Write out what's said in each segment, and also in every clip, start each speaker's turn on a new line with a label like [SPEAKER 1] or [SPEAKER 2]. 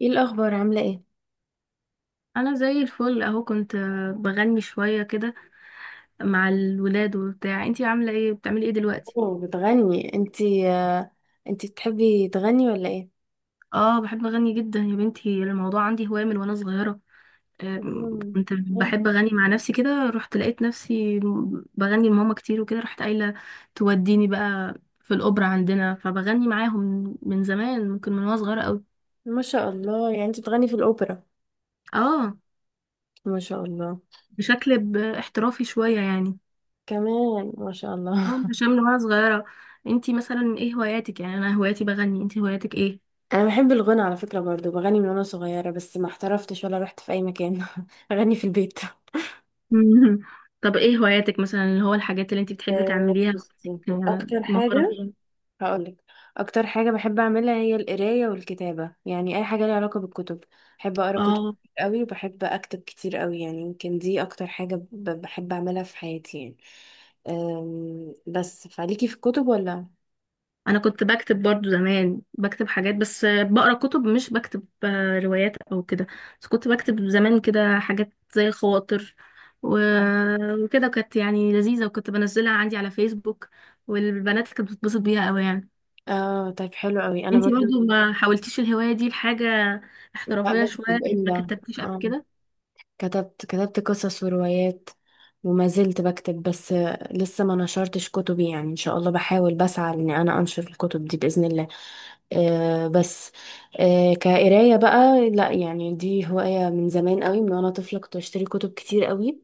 [SPEAKER 1] ايه الاخبار، عامله ايه؟
[SPEAKER 2] انا زي الفل اهو كنت بغني شوية كده مع الولاد وبتاع. انتي عاملة ايه؟ بتعملي ايه دلوقتي؟
[SPEAKER 1] اوه، بتغني انتي؟ انتي بتحبي تغني ولا ايه؟
[SPEAKER 2] اه، بحب اغني جدا يا بنتي. الموضوع عندي هواية من وانا صغيرة.
[SPEAKER 1] مم،
[SPEAKER 2] كنت
[SPEAKER 1] حلو.
[SPEAKER 2] بحب اغني مع نفسي كده. رحت لقيت نفسي بغني لماما كتير وكده. رحت قايلة توديني بقى في الاوبرا عندنا، فبغني معاهم من زمان، ممكن من وانا صغيرة قوي.
[SPEAKER 1] ما شاء الله، يعني انتي بتغني في الاوبرا.
[SPEAKER 2] اه،
[SPEAKER 1] ما شاء الله.
[SPEAKER 2] بشكل احترافي شوية يعني.
[SPEAKER 1] كمان ما شاء الله.
[SPEAKER 2] عشان من وانا صغيرة. انتي مثلا ايه هواياتك؟ يعني انا هواياتي بغني، انتي هواياتك ايه؟
[SPEAKER 1] انا بحب الغنى على فكره برضو، بغني من وانا صغيره بس ما احترفتش ولا رحت في اي مكان. اغني في البيت.
[SPEAKER 2] مهم. طب ايه هواياتك مثلا، اللي هو الحاجات اللي انت بتحبي تعمليها؟
[SPEAKER 1] بصي، اكتر
[SPEAKER 2] مهارة
[SPEAKER 1] حاجه
[SPEAKER 2] فيها.
[SPEAKER 1] هقولك. اكتر حاجه بحب اعملها هي القرايه والكتابه، يعني اي حاجه ليها علاقه بالكتب. بحب اقرا كتب
[SPEAKER 2] اه
[SPEAKER 1] كتير قوي، وبحب اكتب كتير قوي، يعني يمكن دي اكتر حاجه بحب اعملها في حياتي يعني. بس فعليكي في الكتب ولا؟
[SPEAKER 2] انا كنت بكتب برضو زمان، بكتب حاجات، بس بقرا كتب مش بكتب روايات او كده. بس كنت بكتب زمان كده حاجات زي خواطر
[SPEAKER 1] آه.
[SPEAKER 2] وكده، كانت يعني لذيذة، وكنت بنزلها عندي على فيسبوك. والبنات كانت بتتبسط بيها قوي يعني.
[SPEAKER 1] اه طيب، حلو قوي. انا
[SPEAKER 2] انتي
[SPEAKER 1] برضو
[SPEAKER 2] برضو ما حاولتيش الهواية دي لحاجة
[SPEAKER 1] لا
[SPEAKER 2] احترافية شوية؟
[SPEAKER 1] بكتب
[SPEAKER 2] ما
[SPEAKER 1] الا
[SPEAKER 2] كتبتيش قبل
[SPEAKER 1] آه.
[SPEAKER 2] كده؟
[SPEAKER 1] كتبت قصص وروايات، وما زلت بكتب، بس لسه ما نشرتش كتبي يعني. ان شاء الله بحاول، بسعى ان انا انشر الكتب دي باذن الله. بس، كقراية بقى لا، يعني دي هواية من زمان قوي، من وانا طفلة كنت بشتري كتب كتير قوي،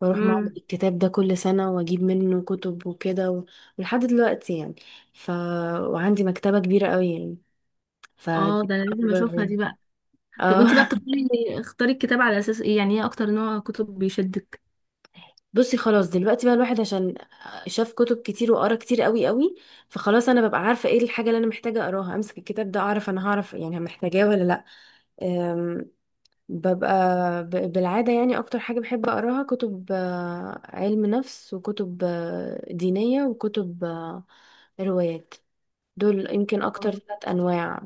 [SPEAKER 1] واروح معرض
[SPEAKER 2] امم،
[SPEAKER 1] الكتاب ده كل سنة واجيب منه كتب وكده ولحد دلوقتي يعني. ف وعندي مكتبة كبيرة قوي يعني. ف
[SPEAKER 2] اه
[SPEAKER 1] دي
[SPEAKER 2] ده انا لازم اشوفها
[SPEAKER 1] أكبر-
[SPEAKER 2] دي بقى. طب وانتي بقى
[SPEAKER 1] اه.
[SPEAKER 2] بتختاري اختاري الكتاب على اساس ايه يعني؟ ايه اكتر نوع كتب بيشدك؟
[SPEAKER 1] بصي، خلاص دلوقتي بقى الواحد، عشان شاف كتب كتير وقرا كتير قوي قوي، فخلاص انا ببقى عارفة ايه الحاجة اللي انا محتاجة اقراها. امسك الكتاب ده، اعرف انا، هعرف يعني محتاجاه ولا لا. ببقى بالعادة يعني. أكتر حاجة بحب أقراها كتب علم نفس، وكتب دينية، وكتب روايات. دول يمكن أكتر ثلاث أنواع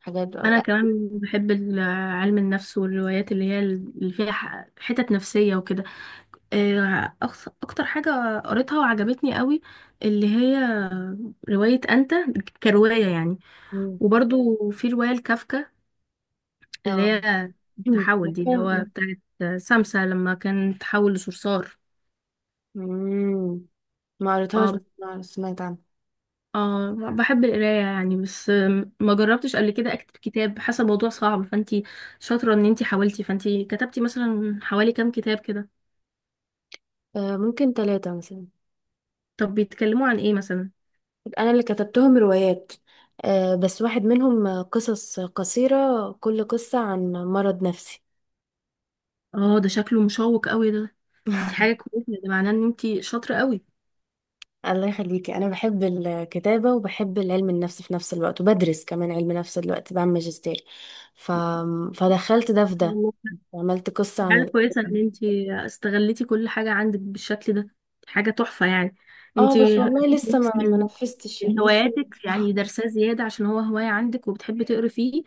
[SPEAKER 1] حاجات.
[SPEAKER 2] انا كمان بحب علم النفس والروايات، اللي هي اللي فيها حتت نفسية وكده. اكتر حاجة قريتها وعجبتني قوي اللي هي رواية انت، كرواية يعني.
[SPEAKER 1] مم.
[SPEAKER 2] وبرضو في رواية لكافكا اللي
[SPEAKER 1] اه.
[SPEAKER 2] هي
[SPEAKER 1] مم.
[SPEAKER 2] التحول، دي اللي
[SPEAKER 1] عارفة؟
[SPEAKER 2] هو بتاعت سمسة لما كان تحول لصرصار.
[SPEAKER 1] مم. ما قريتهاش،
[SPEAKER 2] اه،
[SPEAKER 1] بس أنا سمعت عنها.
[SPEAKER 2] اه بحب القراية يعني، بس ما جربتش قبل كده اكتب كتاب. حاسة الموضوع صعب. فانتي شاطرة ان انتي حاولتي. فانتي كتبتي مثلا حوالي كام كتاب كده؟
[SPEAKER 1] ممكن ثلاثة مثلا.
[SPEAKER 2] طب بيتكلموا عن ايه مثلا؟
[SPEAKER 1] أنا اللي كتبتهم روايات، بس واحد منهم قصص قصيرة، كل قصة عن مرض نفسي.
[SPEAKER 2] اه ده شكله مشوق قوي ده. دي حاجة كويسة، ده معناه ان انتي شاطرة قوي.
[SPEAKER 1] الله يخليكي. انا بحب الكتابه وبحب العلم النفس في نفس الوقت، وبدرس كمان علم نفس دلوقتي، بعمل ماجستير. ف... فدخلت ده في ده.
[SPEAKER 2] والله.
[SPEAKER 1] عملت قصه عن
[SPEAKER 2] حاجة كويسة ان انتي استغلتي كل حاجة عندك بالشكل ده. دي حاجة تحفة يعني.
[SPEAKER 1] اه بس.
[SPEAKER 2] انتي
[SPEAKER 1] والله لسه ما نفذتش،
[SPEAKER 2] من
[SPEAKER 1] يعني لسه.
[SPEAKER 2] هواياتك يعني درساه زيادة، عشان هو هواية عندك وبتحبي تقري فيه،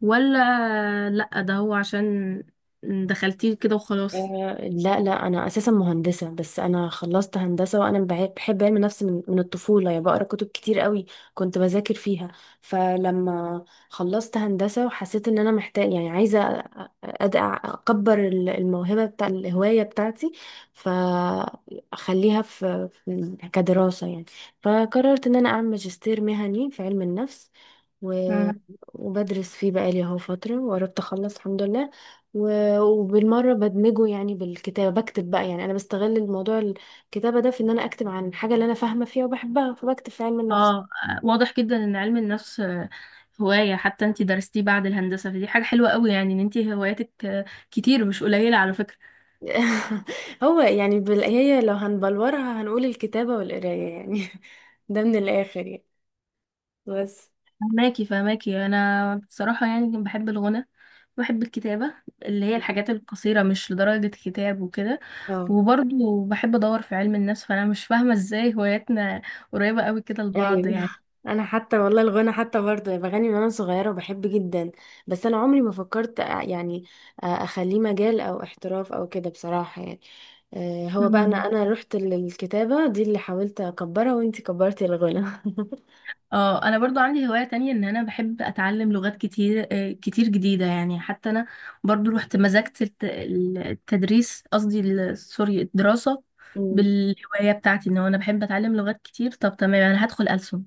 [SPEAKER 2] ولا لأ ده هو عشان دخلتيه كده وخلاص؟
[SPEAKER 1] لا لا، انا اساسا مهندسه، بس انا خلصت هندسه وانا بحب علم النفس من الطفوله. يعني بقرا كتب كتير قوي، كنت بذاكر فيها. فلما خلصت هندسه وحسيت ان انا محتاج، يعني عايزه اكبر الموهبه بتاع الهوايه بتاعتي، فاخليها في كدراسه يعني. فقررت ان انا اعمل ماجستير مهني في علم النفس، و...
[SPEAKER 2] مم.
[SPEAKER 1] وبدرس فيه بقالي اهو فتره، وقربت اخلص الحمد لله. وبالمرة بدمجه يعني بالكتابة، بكتب بقى. يعني أنا بستغل الموضوع الكتابة ده في إن أنا أكتب عن الحاجة اللي أنا فاهمة فيها وبحبها، فبكتب في علم النفس.
[SPEAKER 2] اه، واضح جدا ان علم النفس هواية، حتى انتي درستيه بعد الهندسة. فدي حاجة حلوة قوي يعني، ان انتي هواياتك كتير مش قليلة على فكرة.
[SPEAKER 1] هو يعني هي لو هنبلورها هنقول الكتابة والقراية يعني. ده من الآخر يعني، بس.
[SPEAKER 2] فهماكي فهماكي. انا بصراحه يعني بحب الغنى، بحب الكتابه اللي هي الحاجات القصيره، مش لدرجه كتاب وكده.
[SPEAKER 1] اه
[SPEAKER 2] وبرضه بحب ادور في علم النفس. فانا مش فاهمه ازاي هواياتنا قريبه قوي كده لبعض
[SPEAKER 1] ايوه.
[SPEAKER 2] يعني.
[SPEAKER 1] انا حتى والله الغنى حتى برضه بغني من وانا صغيره وبحب جدا، بس انا عمري ما فكرت يعني اخليه مجال او احتراف او كده بصراحه يعني. هو بقى، انا
[SPEAKER 2] مم.
[SPEAKER 1] انا رحت للكتابه دي اللي حاولت اكبرها، وانتي كبرتي الغنى.
[SPEAKER 2] اه انا برضو عندي هواية تانية، ان انا بحب اتعلم لغات كتير، كتير جديدة يعني. حتى انا برضو رحت مزجت التدريس، قصدي سوري الدراسة،
[SPEAKER 1] أمم.
[SPEAKER 2] بالهواية بتاعتي، ان هو انا بحب اتعلم لغات كتير. طب تمام، انا هدخل ألسن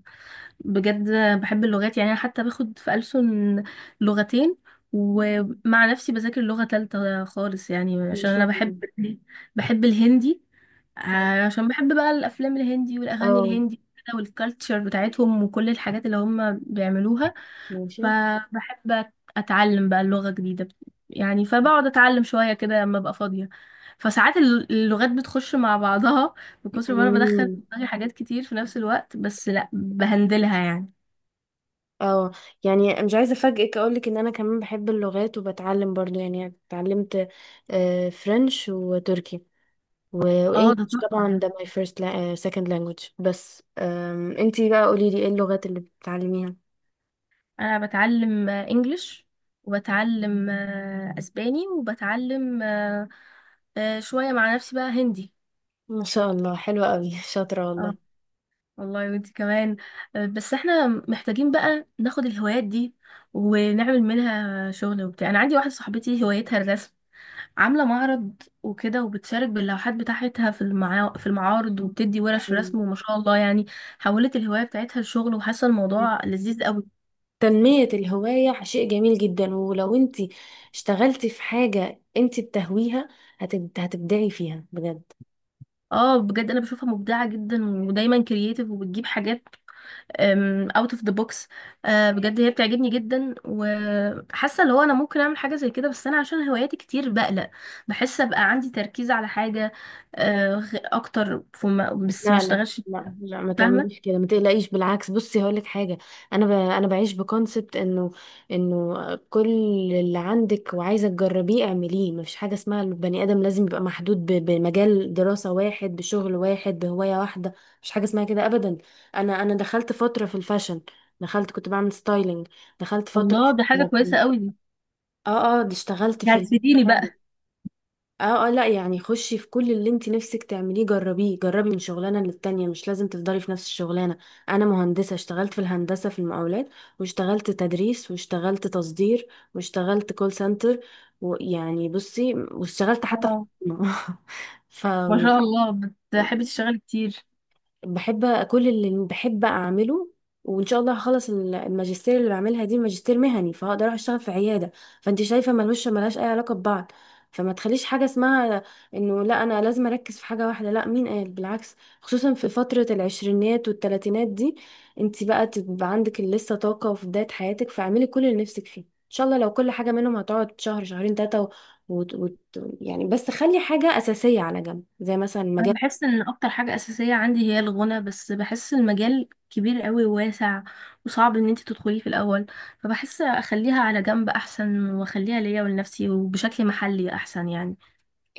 [SPEAKER 2] بجد. بحب اللغات يعني. انا حتى باخد في ألسن لغتين، ومع نفسي بذاكر لغة تالتة خالص يعني،
[SPEAKER 1] ما
[SPEAKER 2] عشان
[SPEAKER 1] شاء
[SPEAKER 2] انا بحب.
[SPEAKER 1] الله.
[SPEAKER 2] بحب الهندي،
[SPEAKER 1] حلو.
[SPEAKER 2] عشان بحب بقى الافلام الهندي والاغاني
[SPEAKER 1] اه.
[SPEAKER 2] الهندي كده، والكالتشر بتاعتهم وكل الحاجات اللي هم بيعملوها.
[SPEAKER 1] ماشي.
[SPEAKER 2] فبحب أت- اتعلم بقى اللغة جديدة يعني. فبقعد اتعلم شوية كده لما ابقى فاضية. فساعات اللغات بتخش مع بعضها، بكثر ما انا بدخل في
[SPEAKER 1] أمم.
[SPEAKER 2] دماغي حاجات كتير في نفس الوقت، بس لا بهندلها يعني.
[SPEAKER 1] اه يعني مش عايزه افاجئك، اقولك ان انا كمان بحب اللغات وبتعلم برضو يعني اتعلمت فرنش وتركي. لو
[SPEAKER 2] اه ده
[SPEAKER 1] انجلش
[SPEAKER 2] تحفة
[SPEAKER 1] طبعا
[SPEAKER 2] ده.
[SPEAKER 1] ده my first second language، بس انتي بقى قوليلي، ايه اللغات اللي بتتعلميها؟
[SPEAKER 2] انا بتعلم انجليش، وبتعلم اسباني، وبتعلم شوية مع نفسي بقى هندي.
[SPEAKER 1] ما شاء الله، حلوة قوي. شاطرة والله.
[SPEAKER 2] اه والله وانتي كمان. بس احنا محتاجين بقى ناخد الهوايات دي ونعمل منها شغل وبتاع. انا عندي واحدة صاحبتي هوايتها الرسم، عاملة معرض وكده، وبتشارك باللوحات بتاعتها في المعا... في المعارض، وبتدي ورش
[SPEAKER 1] مم.
[SPEAKER 2] رسم، وما شاء الله يعني. حولت الهواية بتاعتها لشغل، وحاسة الموضوع لذيذ قوي.
[SPEAKER 1] تنمية الهواية شيء جميل جدا. ولو انتي اشتغلتي في حاجة انتي بتهويها، هتبدعي فيها بجد.
[SPEAKER 2] اه بجد انا بشوفها مبدعه جدا ودايما كرييتيف، وبتجيب حاجات اوت اوف ذا بوكس. بجد هي بتعجبني جدا، وحاسه اللي هو انا ممكن اعمل حاجه زي كده، بس انا عشان هواياتي كتير بقلق، بحس ابقى عندي تركيز على حاجه اكتر فما، بس ما
[SPEAKER 1] لا لا.
[SPEAKER 2] اشتغلش.
[SPEAKER 1] لا لا، ما تعمليش
[SPEAKER 2] فاهمه.
[SPEAKER 1] كده، ما تقلقيش، بالعكس. بصي هقول لك حاجه. انا بعيش بكونسبت انه، انه كل اللي عندك وعايزه تجربيه اعمليه. ما فيش حاجه اسمها البني ادم لازم يبقى محدود بمجال دراسه واحد، بشغل واحد، بهوايه واحده. مش حاجه اسمها كده ابدا. انا دخلت فتره في الفاشن، دخلت كنت بعمل ستايلينج، دخلت فتره
[SPEAKER 2] الله، ده حاجه كويسه قوي دي،
[SPEAKER 1] اه اه، دي اشتغلت
[SPEAKER 2] دي
[SPEAKER 1] في
[SPEAKER 2] هتفيديني بقى.
[SPEAKER 1] اه اه. لا يعني، خشي في كل اللي انت نفسك تعمليه، جربيه. جربي من شغلانه للتانيه، مش لازم تفضلي في نفس الشغلانه. انا مهندسه، اشتغلت في الهندسه في المقاولات، واشتغلت تدريس، واشتغلت تصدير، واشتغلت كول سنتر، ويعني بصي واشتغلت حتى في
[SPEAKER 2] اه ما
[SPEAKER 1] الحكومة.
[SPEAKER 2] شاء الله، بتحبي تشتغلي كتير.
[SPEAKER 1] بحب كل اللي بحب اعمله، وان شاء الله هخلص الماجستير اللي بعملها دي، ماجستير مهني، فهقدر اروح اشتغل في عياده. فانت شايفه ملوش ملهاش اي علاقه ببعض، فما تخليش حاجه اسمها انه لا، انا لازم اركز في حاجه واحده. لا، مين قال؟ بالعكس، خصوصا في فتره العشرينات والثلاثينات دي، انت بقى تبقى عندك لسه طاقه وفي بدايه حياتك، فاعملي كل اللي نفسك فيه. ان شاء الله لو كل حاجه منهم هتقعد شهر، شهرين، ثلاثه وت... وت... يعني. بس خلي حاجه اساسيه على جنب زي مثلا
[SPEAKER 2] انا
[SPEAKER 1] مجال.
[SPEAKER 2] بحس ان اكتر حاجة اساسية عندي هي الغنى، بس بحس المجال كبير قوي وواسع، وصعب ان انت تدخليه في الاول. فبحس اخليها على جنب احسن، واخليها ليا ولنفسي وبشكل محلي احسن يعني.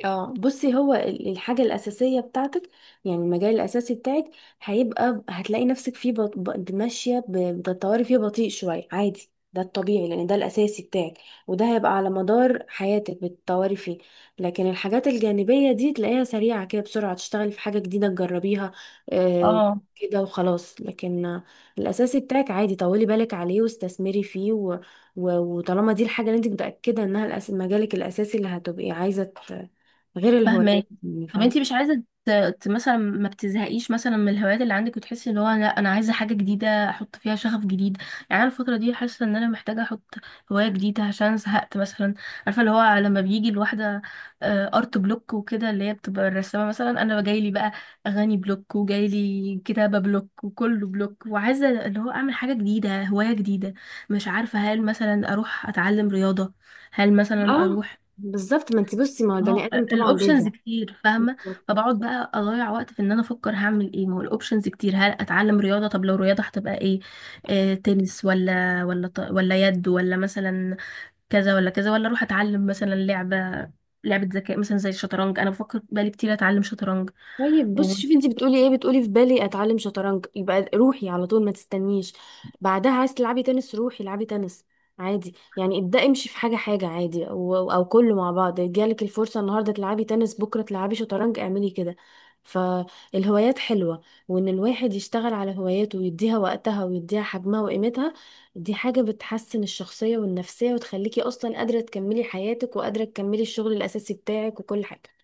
[SPEAKER 1] اه بصي، هو الحاجة الأساسية بتاعتك، يعني المجال الأساسي بتاعك، هيبقى، هتلاقي نفسك فيه ماشية، بتطوري فيه بطيء شوية، عادي، ده الطبيعي، لأن ده الأساسي بتاعك، وده هيبقى على مدار حياتك بتطوري فيه. لكن الحاجات الجانبية دي تلاقيها سريعة كده، بسرعة تشتغلي في حاجة جديدة تجربيها، آه
[SPEAKER 2] اه
[SPEAKER 1] كده وخلاص. لكن الأساسي بتاعك عادي طولي بالك عليه واستثمري فيه وطالما دي الحاجة اللي انت متأكدة انها مجالك الأساسي اللي هتبقي عايزة، غير الهوايات
[SPEAKER 2] فاهمك.
[SPEAKER 1] يعني،
[SPEAKER 2] طب
[SPEAKER 1] فاهمة.
[SPEAKER 2] انتي مش عايزة مثلا ما بتزهقيش مثلا من الهوايات اللي عندك، وتحسي ان هو لا انا عايزة حاجة جديدة احط فيها شغف جديد؟ يعني انا الفترة دي حاسة ان انا محتاجة احط هواية جديدة عشان زهقت مثلا. عارفة اللي هو لما بيجي الواحدة ارت بلوك وكده، اللي هي بتبقى الرسامة مثلا. انا جايلي بقى اغاني بلوك، وجايلي كتابة بلوك، وكله بلوك، وعايزة اللي هو اعمل حاجة جديدة، هواية جديدة. مش عارفة هل مثلا اروح اتعلم رياضة، هل مثلا
[SPEAKER 1] اه
[SPEAKER 2] اروح.
[SPEAKER 1] بالظبط، ما انت بصي، ما هو
[SPEAKER 2] ما
[SPEAKER 1] البني
[SPEAKER 2] هو
[SPEAKER 1] ادم طبعا
[SPEAKER 2] الاوبشنز
[SPEAKER 1] بيزهق.
[SPEAKER 2] كتير، فاهمه. فبقعد بقى اضيع وقت في ان انا افكر هعمل ايه. ما هو الاوبشنز كتير. هل اتعلم رياضه؟ طب لو رياضه هتبقى ايه، آه تنس ولا ولا ولا يد، ولا مثلا كذا ولا كذا، ولا اروح اتعلم مثلا لعبه، لعبه ذكاء مثلا زي الشطرنج؟ انا بفكر بقالي كتير اتعلم شطرنج.
[SPEAKER 1] طيب بص، شوفي انت بتقولي ايه، بتقولي في بالي اتعلم شطرنج، يبقى روحي على طول، ما تستنيش. بعدها عايز تلعبي تنس، روحي العبي تنس. عادي يعني، ابدأي امشي في حاجة حاجة، عادي او كله مع بعض. جالك الفرصة النهاردة تلعبي تنس، بكرة تلعبي شطرنج، اعملي كده. فالهوايات حلوة، وان الواحد يشتغل على هواياته ويديها وقتها ويديها حجمها وقيمتها، دي حاجة بتحسن الشخصية والنفسية وتخليكي اصلا قادرة تكملي حياتك، وقادرة تكملي الشغل الاساسي بتاعك وكل حاجة.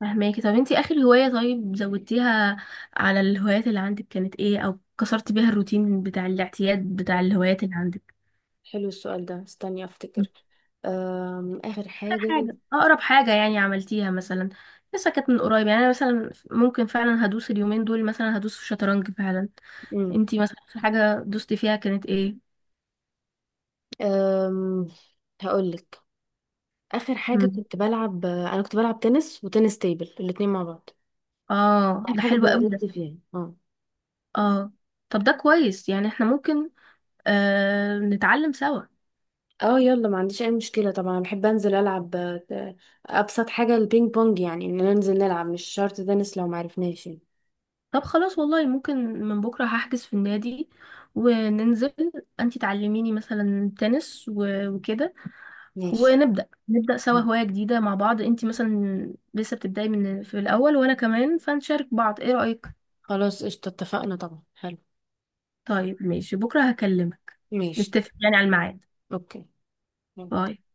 [SPEAKER 2] وفهماكي. طب انتي اخر هوايه طيب زودتيها على الهوايات اللي عندك كانت ايه، او كسرت بيها الروتين بتاع الاعتياد بتاع الهوايات اللي عندك؟
[SPEAKER 1] حلو السؤال ده، استني افتكر. اخر
[SPEAKER 2] اخر
[SPEAKER 1] حاجة.
[SPEAKER 2] حاجة، أقرب حاجة يعني عملتيها مثلا، لسه كانت من قريب يعني. أنا مثلا ممكن فعلا هدوس اليومين دول، مثلا هدوس في شطرنج فعلا.
[SPEAKER 1] امم.
[SPEAKER 2] انتي مثلا في حاجة دوستي فيها كانت ايه؟
[SPEAKER 1] أم... هقولك. اخر حاجة
[SPEAKER 2] مم.
[SPEAKER 1] كنت بلعب انا كنت بلعب تنس وتنس تيبل الاتنين مع بعض.
[SPEAKER 2] اه
[SPEAKER 1] اخر
[SPEAKER 2] ده
[SPEAKER 1] حاجة
[SPEAKER 2] حلو قوي ده.
[SPEAKER 1] بدأت فيها. اه.
[SPEAKER 2] اه، طب ده كويس يعني، احنا ممكن نتعلم سوا.
[SPEAKER 1] اه يلا، ما عنديش اي مشكلة طبعا. انا بحب انزل العب. آه، ابسط حاجة البينج بونج، يعني ان ننزل نلعب، مش شرط تنس لو معرفناش يعني.
[SPEAKER 2] طب خلاص والله، ممكن من بكرة هحجز في النادي وننزل، انتي تعلميني مثلا تنس وكده،
[SPEAKER 1] ماشي.
[SPEAKER 2] ونبدأ نبدأ سوا هواية جديدة مع بعض. انتي مثلا لسه بتبدأي من في الأول، وأنا كمان، فنشارك بعض. ايه رأيك؟
[SPEAKER 1] خلاص قشطة، اتفقنا طبعا، حلو.
[SPEAKER 2] طيب ماشي، بكرة هكلمك،
[SPEAKER 1] ماشي.
[SPEAKER 2] نتفق يعني على الميعاد.
[SPEAKER 1] اوكي.
[SPEAKER 2] باي.